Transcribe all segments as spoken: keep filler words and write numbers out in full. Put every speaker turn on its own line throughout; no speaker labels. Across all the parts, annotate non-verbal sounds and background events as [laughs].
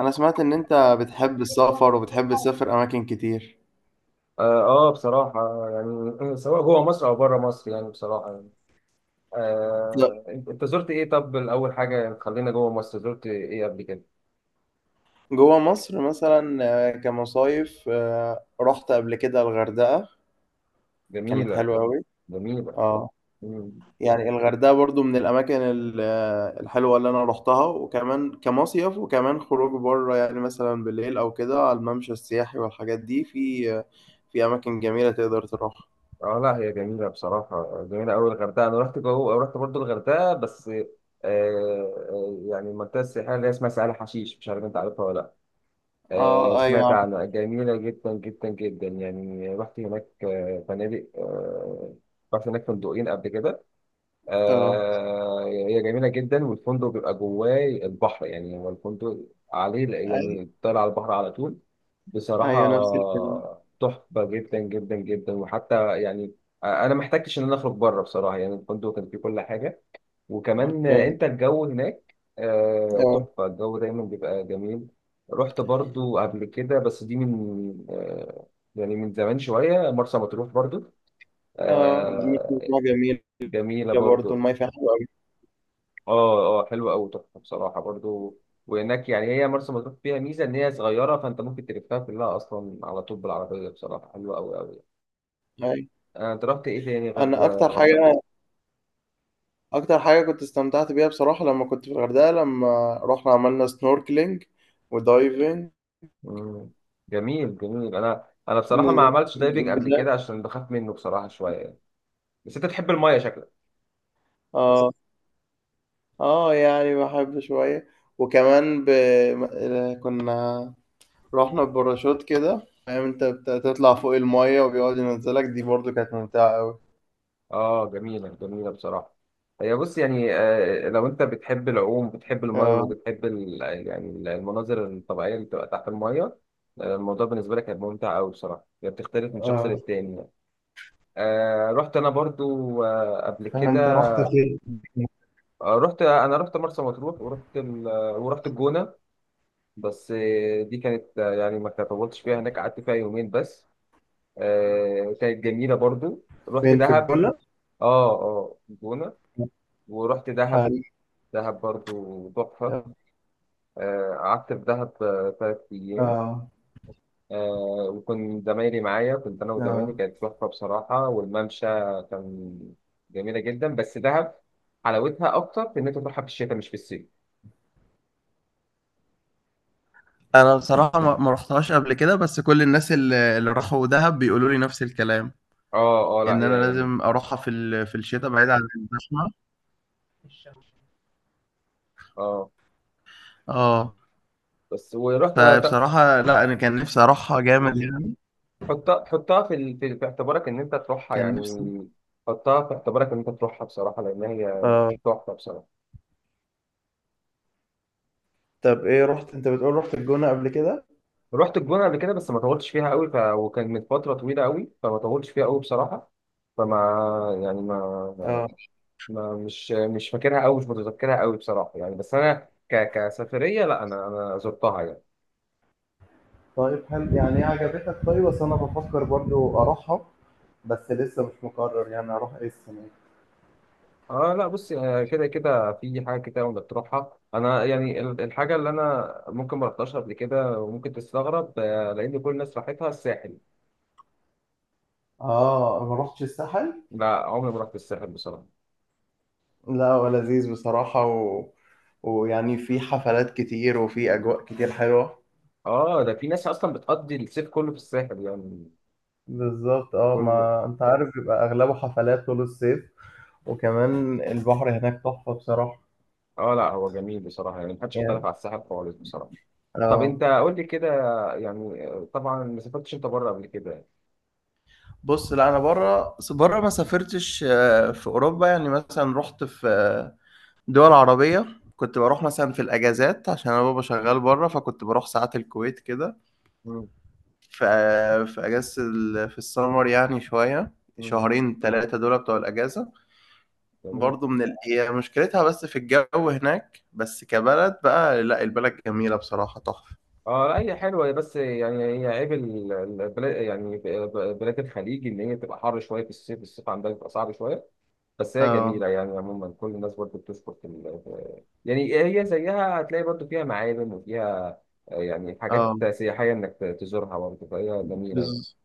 انا سمعت ان انت بتحب السفر وبتحب تسافر اماكن كتير.
اه آه، بصراحة، يعني سواء جوه مصر او بره مصر، يعني بصراحة يعني.
لا.
آه انت أنت زرت ايه؟ طب الاول حاجة، يعني خلينا جوه مصر، زرت ايه قبل كده؟
جوه مصر مثلا. آه، كمصايف، آه، رحت قبل كده الغردقة. كانت
جميلة.
حلوة قوي.
جميلة.
اه.
مم.
يعني الغردقة برضو من الاماكن ال- آه، الحلوة اللي انا رحتها، وكمان كمصيف، وكمان خروج بره، يعني مثلا بالليل او كده على الممشى السياحي والحاجات دي، في آه، في اماكن جميلة تقدر تروحها.
اه، لا هي جميلة بصراحة، جميلة اوي الغردقة. انا رحت جوه، رحت برضو الغردقة بس آه آه، يعني المنطقة السياحية اللي هي اسمها سهل حشيش، مش عارف انت عارفها ولا لا؟ آه
اه، ايوه،
سمعت
عارف.
عنها جميلة جدا جدا جدا، يعني رحت هناك آه، فنادق آه رحت هناك فندقين قبل كده.
اه،
آه هي جميلة جدا، والفندق بيبقى جواه البحر، يعني هو الفندق عليه،
اي،
يعني بتطلع على البحر على طول بصراحة.
ايوه، نفس الكلام.
تحفة جدا جدا جدا، وحتى يعني أنا ما احتجتش إن أنا أخرج بره، بصراحة يعني الفندق كان فيه كل حاجة. وكمان
اوكي.
أنت، الجو هناك آه،
اه
تحفة، الجو دايما بيبقى جميل. رحت برضو قبل كده، بس دي من آه، يعني من زمان شوية، مرسى مطروح برضو.
اه، دي
آه،
بتبقى جميلة.
جميلة
برضه
برضو.
الماية فيها حلوة أوي.
اه، اه، حلوه قوي تحفه بصراحه برضو. وهناك يعني هي مرسى مطروح فيها ميزه، ان هي صغيره فانت ممكن تلفها كلها اصلا على طول بالعربيه، بصراحه حلوه قوي قوي.
أيوة.
انا انت رحت ايه تاني غير
أنا أكتر
الغردقه؟
حاجة أكتر حاجة كنت استمتعت بيها بصراحة لما كنت في الغردقة، لما رحنا عملنا سنوركلينج ودايفنج [laughs]
مم. جميل جميل، انا انا بصراحه ما
نزل
عملتش دايفنج قبل
بجد.
كده عشان بخاف منه بصراحه شويه يعني. بس انت بتحب المايه شكلك؟
آه. آه، يعني بحب شوية. وكمان ب... م- كنا رحنا بباراشوت كده، فاهم، أنت بتطلع فوق الماية وبيقعد ينزلك، دي برضه كانت ممتعة أوي.
اه، جميلة جميلة بصراحة. هي بص يعني، آه، لو انت بتحب العوم، بتحب المية
آه
وبتحب ال- يعني المناظر الطبيعية اللي بتبقى تحت المية، آه، الموضوع بالنسبة لك هيبقى ممتع أوي، بصراحة هي بتختلف من شخص
آه.
للتاني يعني. آه رحت أنا برضو آه قبل كده.
فأنت رحت فين؟
آه رحت أنا رحت مرسى مطروح، ورحت ال... آه، ورحت الجونة. بس آه، دي كانت آه، يعني ما طولتش فيها هناك، قعدت فيها يومين بس. آه كانت جميلة. برضو رحت
فين في
دهب.
الجونة؟
اه، اه، الجونة. ورحت دهب.
حلو.
دهب برضو تحفة. آه، قعدت في دهب آه، تلات أيام.
آه
آه، وكنت زمايلي معايا، كنت أنا وزمايلي
آه.
كانت تحفة بصراحة، والممشى كان جميلة جدا. بس دهب حلاوتها أكتر في إن أنت تروحها في الشتاء، مش في الصيف.
انا بصراحه ما ما رحتهاش قبل كده، بس كل الناس اللي اللي راحوا دهب بيقولوا لي نفس الكلام،
أه، أه، لا
ان انا
هي جميلة.
لازم اروحها في ال- في الشتاء، بعيد عن الزحمه.
أه
اه.
بس ورحت آه،
فبصراحه لا، انا كان نفسي اروحها جامد يعني.
حطها حطها في ال- في في اعتبارك إن أنت تروحها
كان نفسي.
يعني. حطها في اعتبارك إن أنت تروحها بصراحة، لأن هي
اه.
تحفة بصراحة.
طب ايه، رحت انت، بتقول رحت الجونه قبل كده؟
رحت الجونة قبل كده، بس ما طولتش فيها قوي ف... وكان من فترة طويلة قوي، فما طولتش فيها قوي بصراحة. فما يعني ما,
اه.
ما... ما مش مش فاكرها قوي، مش متذكرها قوي بصراحة يعني. بس أنا ك... كسفرية، لا أنا أنا زرتها يعني.
طيب، هل يعني ايه عجبتك؟ طيب بس انا بفكر برضو اروحها، بس لسه مش مقرر يعني اروح ايه السنه دي.
اه، لا بص، آه، كده كده في حاجة كده. وانت بتروحها، انا يعني ال- الحاجة اللي انا ممكن ما رحتهاش قبل كده، وممكن تستغرب، آه، لان كل الناس راحتها الساحل.
اه، ما رحتش الساحل.
لا، عمري ما رحت الساحل بصراحة.
لا، هو لذيذ بصراحة و... ويعني في حفلات كتير وفي أجواء كتير حلوة.
اه، ده في ناس اصلا بتقضي الصيف كله في الساحل يعني.
بالظبط. اه،
كل
ما أنت عارف بيبقى أغلبه حفلات طول الصيف. وكمان البحر هناك تحفة بصراحة.
اه، لا هو جميل بصراحه، يعني محدش اختلف
يعني.
على الساحل خالص بصراحه. طب
اه.
انت قول لي كده، يعني آه، طبعا ما سافرتش انت بره قبل كده؟
بص، لا أنا بره بره ما سافرتش، آه، في أوروبا، يعني مثلا رحت في آه، دول عربية. كنت بروح مثلا في الأجازات عشان أنا بابا شغال بره، فكنت بروح ساعات الكويت كده.
مم.
في في اجازه ال- في السمر يعني شويه،
مم.
شهرين ثلاثه دول بتوع الاجازه.
جميل.
برضو من ال... هي مشكلتها بس في الجو هناك، بس كبلد بقى، لا البلد جميله بصراحه، تحفه.
اه، لا هي حلوه، هي بس يعني هي عيب ال- البلاد، يعني ب- بلاد الخليج ان هي بتبقى حر شويه في الصيف الصيف عندها بيبقى صعب شويه. بس هي
اه
جميله، يعني عموما كل الناس برضه بتشكر في ال- في- يعني هي زيها، هتلاقي برضه فيها معالم وفيها آه، يعني
اه.
حاجات سياحيه انك ت- تزورها برضه، فهي جميله يعني.
بز...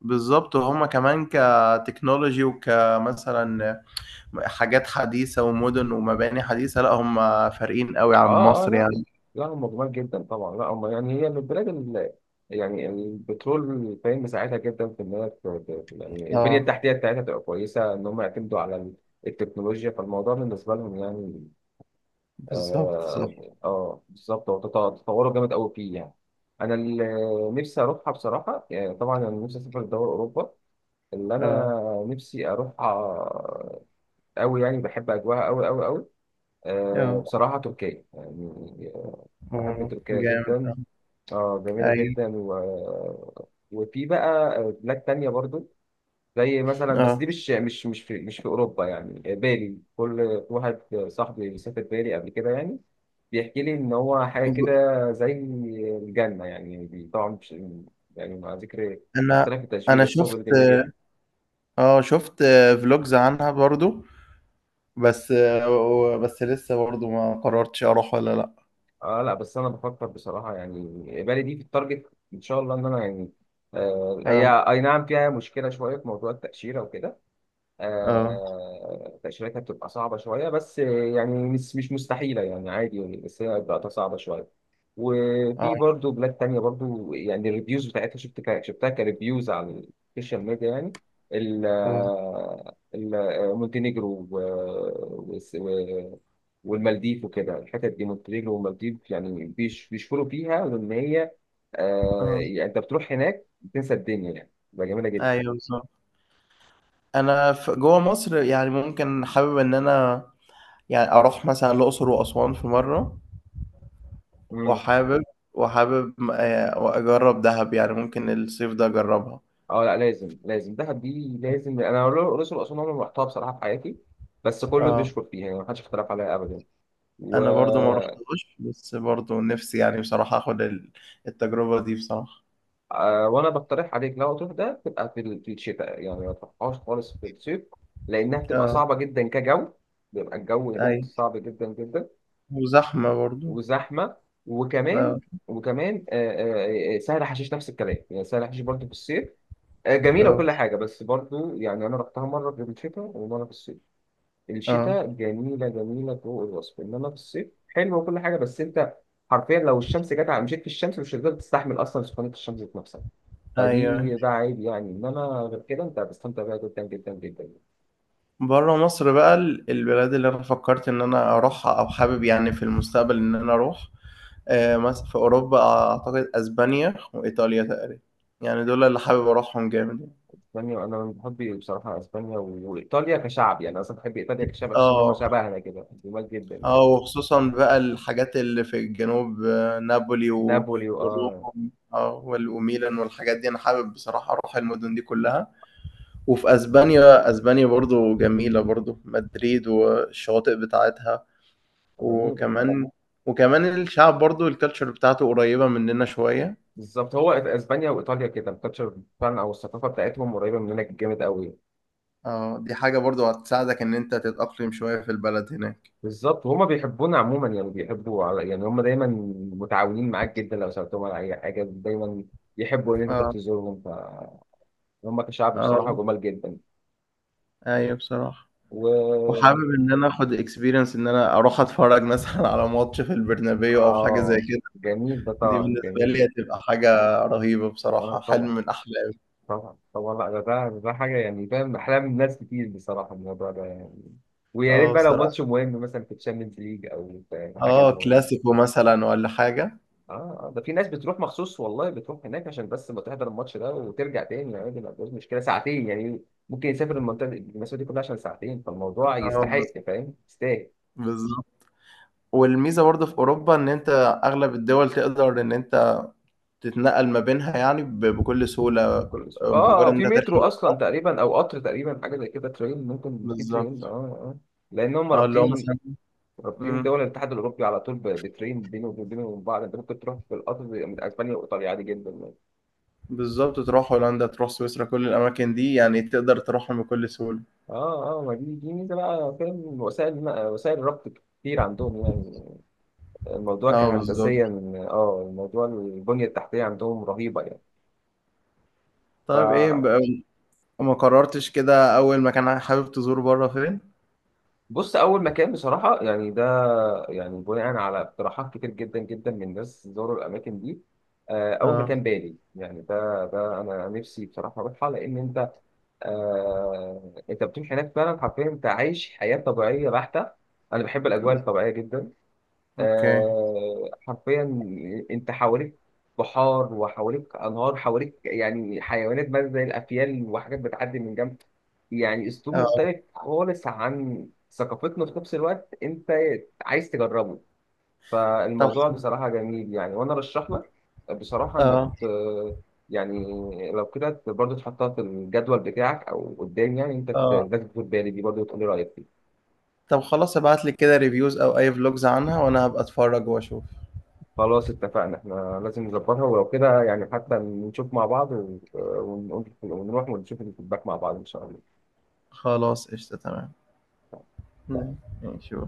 بالظبط، وهما كمان كتكنولوجي وكمثلا حاجات حديثه ومدن ومباني حديثه، لا هما فارقين قوي عن
اه، اه،
مصر
لا،
يعني.
لا هم جمال جدا طبعا، لا هم يعني، هي من البلاد اللي يعني البترول، فاهم، مساعدها جدا في ان هي ت- ت- يعني البنيه
اه
التحتيه بتاعتها تبقى كويسه، ان هم يعتمدوا على ال- التكنولوجيا، فالموضوع بالنسبه لهم يعني.
بالظبط صح.
اه. آه بالظبط، هو تط- تطوروا جامد قوي فيه يعني. انا اللي نفسي اروحها بصراحه، يعني طبعا انا نفسي اسافر لدول اوروبا اللي
اه
انا نفسي اروحها قوي، يعني بحب اجواها قوي قوي قوي. آه،
اه
بصراحة تركيا يعني، بحب
اه،
تركيا
جامد، اه،
جدا. اه، جميلة
ايوه،
جدا و... وفي بقى بلاد تانية برضو، زي مثلا، بس
اه.
دي مش مش مش في مش في أوروبا، يعني بالي. كل واحد صاحبي سافر بالي قبل كده يعني، بيحكي لي إن هو حاجة كده، زي الجنة يعني، بي- طبعا مش يعني، مع ذكر
انا
اختلاف التشبيه،
انا
بس هو
شفت
بيقول جميلة جدا.
اه شفت فلوجز عنها برضو، بس آه، بس لسه برضو ما قررتش اروح ولا لا.
اه، لا بس أنا بفكر بصراحة يعني، بالي دي في التارجت إن شاء الله، إن أنا يعني آه
اه
هي أي نعم فيها مشكلة شوية في موضوع التأشيرة وكده.
اه
آه، تأشيرتها بتبقى صعبة شوية، بس يعني مش مش مستحيلة، يعني عادي يعني، بس هي بتبقى صعبة شوية.
اه
وفي برضو بلاد تانية برضو، يعني الريفيوز بتاعتها شفت ك- شفتها كريفيوز على السوشيال ميديا يعني. ال
اه
ال- مونتينيجرو و- وس- و- والمالديف وكده، الحتت دي مونتينيجرو والمالديف، يعني بيش- بيشكروا فيها لأن هي آه،
اه،
يعني أنت بتروح هناك بتنسى الدنيا، يعني بقى جميلة
ايوه، بالظبط. انا في جوه مصر يعني ممكن حابب ان انا يعني اروح مثلا الاقصر واسوان في مره.
جدا.
وحابب، وحابب آه، اجرب دهب يعني ممكن الصيف ده اجربها.
اه، لا لازم، لازم دهب دي لازم. انا الاقصر واسوان عمري ما رحتها بصراحه في حياتي، بس كله
اه،
بيشكر فيها، يعني محدش اختلف عليها ابدا و...
انا برضو ما رحتهاش، بس برضو نفسي يعني بصراحه اخد ال- التجربه دي بصراحه.
آه، وانا بقترح عليك لو تروح ده تبقى في ال- في الشتاء، يعني ما تروحهاش خالص في الصيف، لانها بتبقى
اه
صعبه جدا كجو. بيبقى الجو هناك
ايوه،
صعب جدا جدا،
وزحمة برضه.
وزحمه. وكمان
آه،
وكمان آه، آه، آه، سهل حشيش نفس الكلام، يعني سهل حشيش برضه في الصيف، آه، جميله
آه،
وكل حاجه، بس برضه يعني انا رحتها مره في الشتاء ومره في الصيف.
آه،
الشتاء جميلة جميلة فوق الوصف، إنما في الصيف حلوة وكل حاجة، بس أنت حرفيا لو الشمس جت على، مشيت في الشمس مش هتقدر تستحمل أصلا سخونية الشمس ذات نفسها.
أيوه، أيوه.
فدي بقى عيب يعني، إنما غير كده أنت هتستمتع بيها جدا جدا جدا يعني.
برّه مصر بقى، ال البلاد اللي أنا فكّرت إن أنا أروحها أو حابب يعني في المستقبل إن أنا أروح، آآ، مثلًا في أوروبا، أعتقد أسبانيا وإيطاليا تقريبًا، يعني دول اللي حابب أروحهم جامد يعني.
إسبانيا، أنا من محبي بصراحة إسبانيا و- وإيطاليا كشعب، يعني أنا أصلا بحب إيطاليا كشعب، بحس إن هم
آه،
شبهنا كده، جمال جدا يعني.
آه، وخصوصًا بقى الحاجات اللي في الجنوب، آه، نابولي، و
نابولي وآه
وروما، آه، وال وميلان والحاجات دي، أنا حابب بصراحة أروح المدن دي كلّها. وفي اسبانيا اسبانيا برضو جميلة، برضو مدريد والشواطئ بتاعتها،
جميلة.
وكمان وكمان الشعب برضو، الكالتشر بتاعته قريبة مننا شوية.
بالظبط، هو إسبانيا وإيطاليا كده الكالتشر فعلا، أو الثقافة بتاعتهم قريبة مننا جامد قوي.
اه، دي حاجة برضو هتساعدك ان انت تتأقلم شوية في البلد هناك.
بالظبط، وهما بيحبونا عموما، يعني بيحبوا على، يعني هما دايما متعاونين معاك جدا، لو سألتهم على أي حاجة دايما يحبوا إن أنت تروح
اه
تزورهم. فهم كشعب
اه
بصراحة جمال جدا.
ايوه بصراحة.
و
وحابب ان انا اخد اكسبيرينس، ان انا اروح اتفرج مثلا على ماتش في البرنابيو او حاجة زي
آه
كده.
جميل ده،
دي
طبعا
بالنسبة
جميل.
لي هتبقى حاجة رهيبة بصراحة،
آه
حلم
طبعا
من احلامي.
طبعا طبعا، لا ده ده ده حاجة، يعني فاهم، أحلام ناس كتير بصراحة الموضوع ده يعني. ويا ريت
اه
بقى لو
بصراحة.
ماتش مهم مثلا في الشامبيونز ليج، أو في في حاجة
اه،
مهمة.
كلاسيكو مثلا ولا حاجة.
اه، آه، ده في ناس بتروح مخصوص والله، بتروح هناك عشان بس ما تحضر الماتش ده وترجع تاني يعني، دي ما فيهاش مشكله، ساعتين يعني. ممكن يسافر المنطقه دي- المسافه دي كلها عشان ساعتين، فالموضوع
اه
يستحق،
بالظبط،
فاهم، يستاهل.
بالظبط. والميزه برضه في اوروبا ان انت اغلب الدول تقدر ان انت تتنقل ما بينها يعني ب- بكل سهوله،
ممكن، اه
مجرد
آه،
ان
في
انت
مترو
تركب
اصلا
القطر.
تقريبا او قطر تقريبا، حاجه زي كده، ترين. ممكن في ترين. اه
بالظبط.
اه لان هم
اه اللي هو
رابطين،
مثلا.
رابطين
مم.
دول الاتحاد الاوروبي على طول ب- بترين بينهم، وبينهم وبين بعض. انت ممكن تروح بالقطر من اسبانيا وايطاليا عادي جدا يعني.
بالظبط، تروح هولندا، تروح سويسرا، كل الاماكن دي يعني تقدر تروحهم بكل سهوله.
اه، اه، ما دي دي ميزه بقى، فاهم، وسائل وسائل الربط كتير عندهم يعني. الموضوع
اه بالظبط.
كهندسيا، اه، الموضوع البنية التحتية عندهم رهيبة يعني.
طيب ايه
فبص،
بقى، ما قررتش كده اول مكان حابب تزور بره فين؟
أول مكان بصراحة يعني، ده يعني بناء على اقتراحات كتير جدا جدا من ناس زوروا الأماكن دي. آه، أول
اه،
مكان بالي، يعني ده ده أنا نفسي بصراحة أروحها، لأن أنت آه أنت بتروح هناك فعلا، حرفيا أنت عايش حياة طبيعية بحتة. أنا بحب الأجواء الطبيعية جدا،
اوكي،
آه، حرفيا انت حواليك بحار، وحواليك انهار، حواليك يعني حيوانات بقى زي الافيال، وحاجات بتعدي من جنب. يعني اسلوب
اه،
مختلف خالص عن ثقافتنا، في نفس الوقت انت عايز تجربه،
طب،
فالموضوع بصراحة جميل يعني. وانا رشح لك بصراحة انك
اه
ت- يعني لو كده برضه تحطها في الجدول بتاعك او قدام، يعني انت ت-
اه،
لازم تاخد بالي دي برضه، وتقول لي رايك فيها.
طب خلاص، ابعت لي كده ريفيوز او اي فلوجز عنها وانا هبقى اتفرج واشوف.
خلاص اتفقنا، احنا لازم نظبطها ولو كده يعني، حتى نشوف مع بعض و- ونقول- ونروح ونشوف الفيدباك مع بعض ان شاء الله.
خلاص قشطة تمام. مم. يعني شو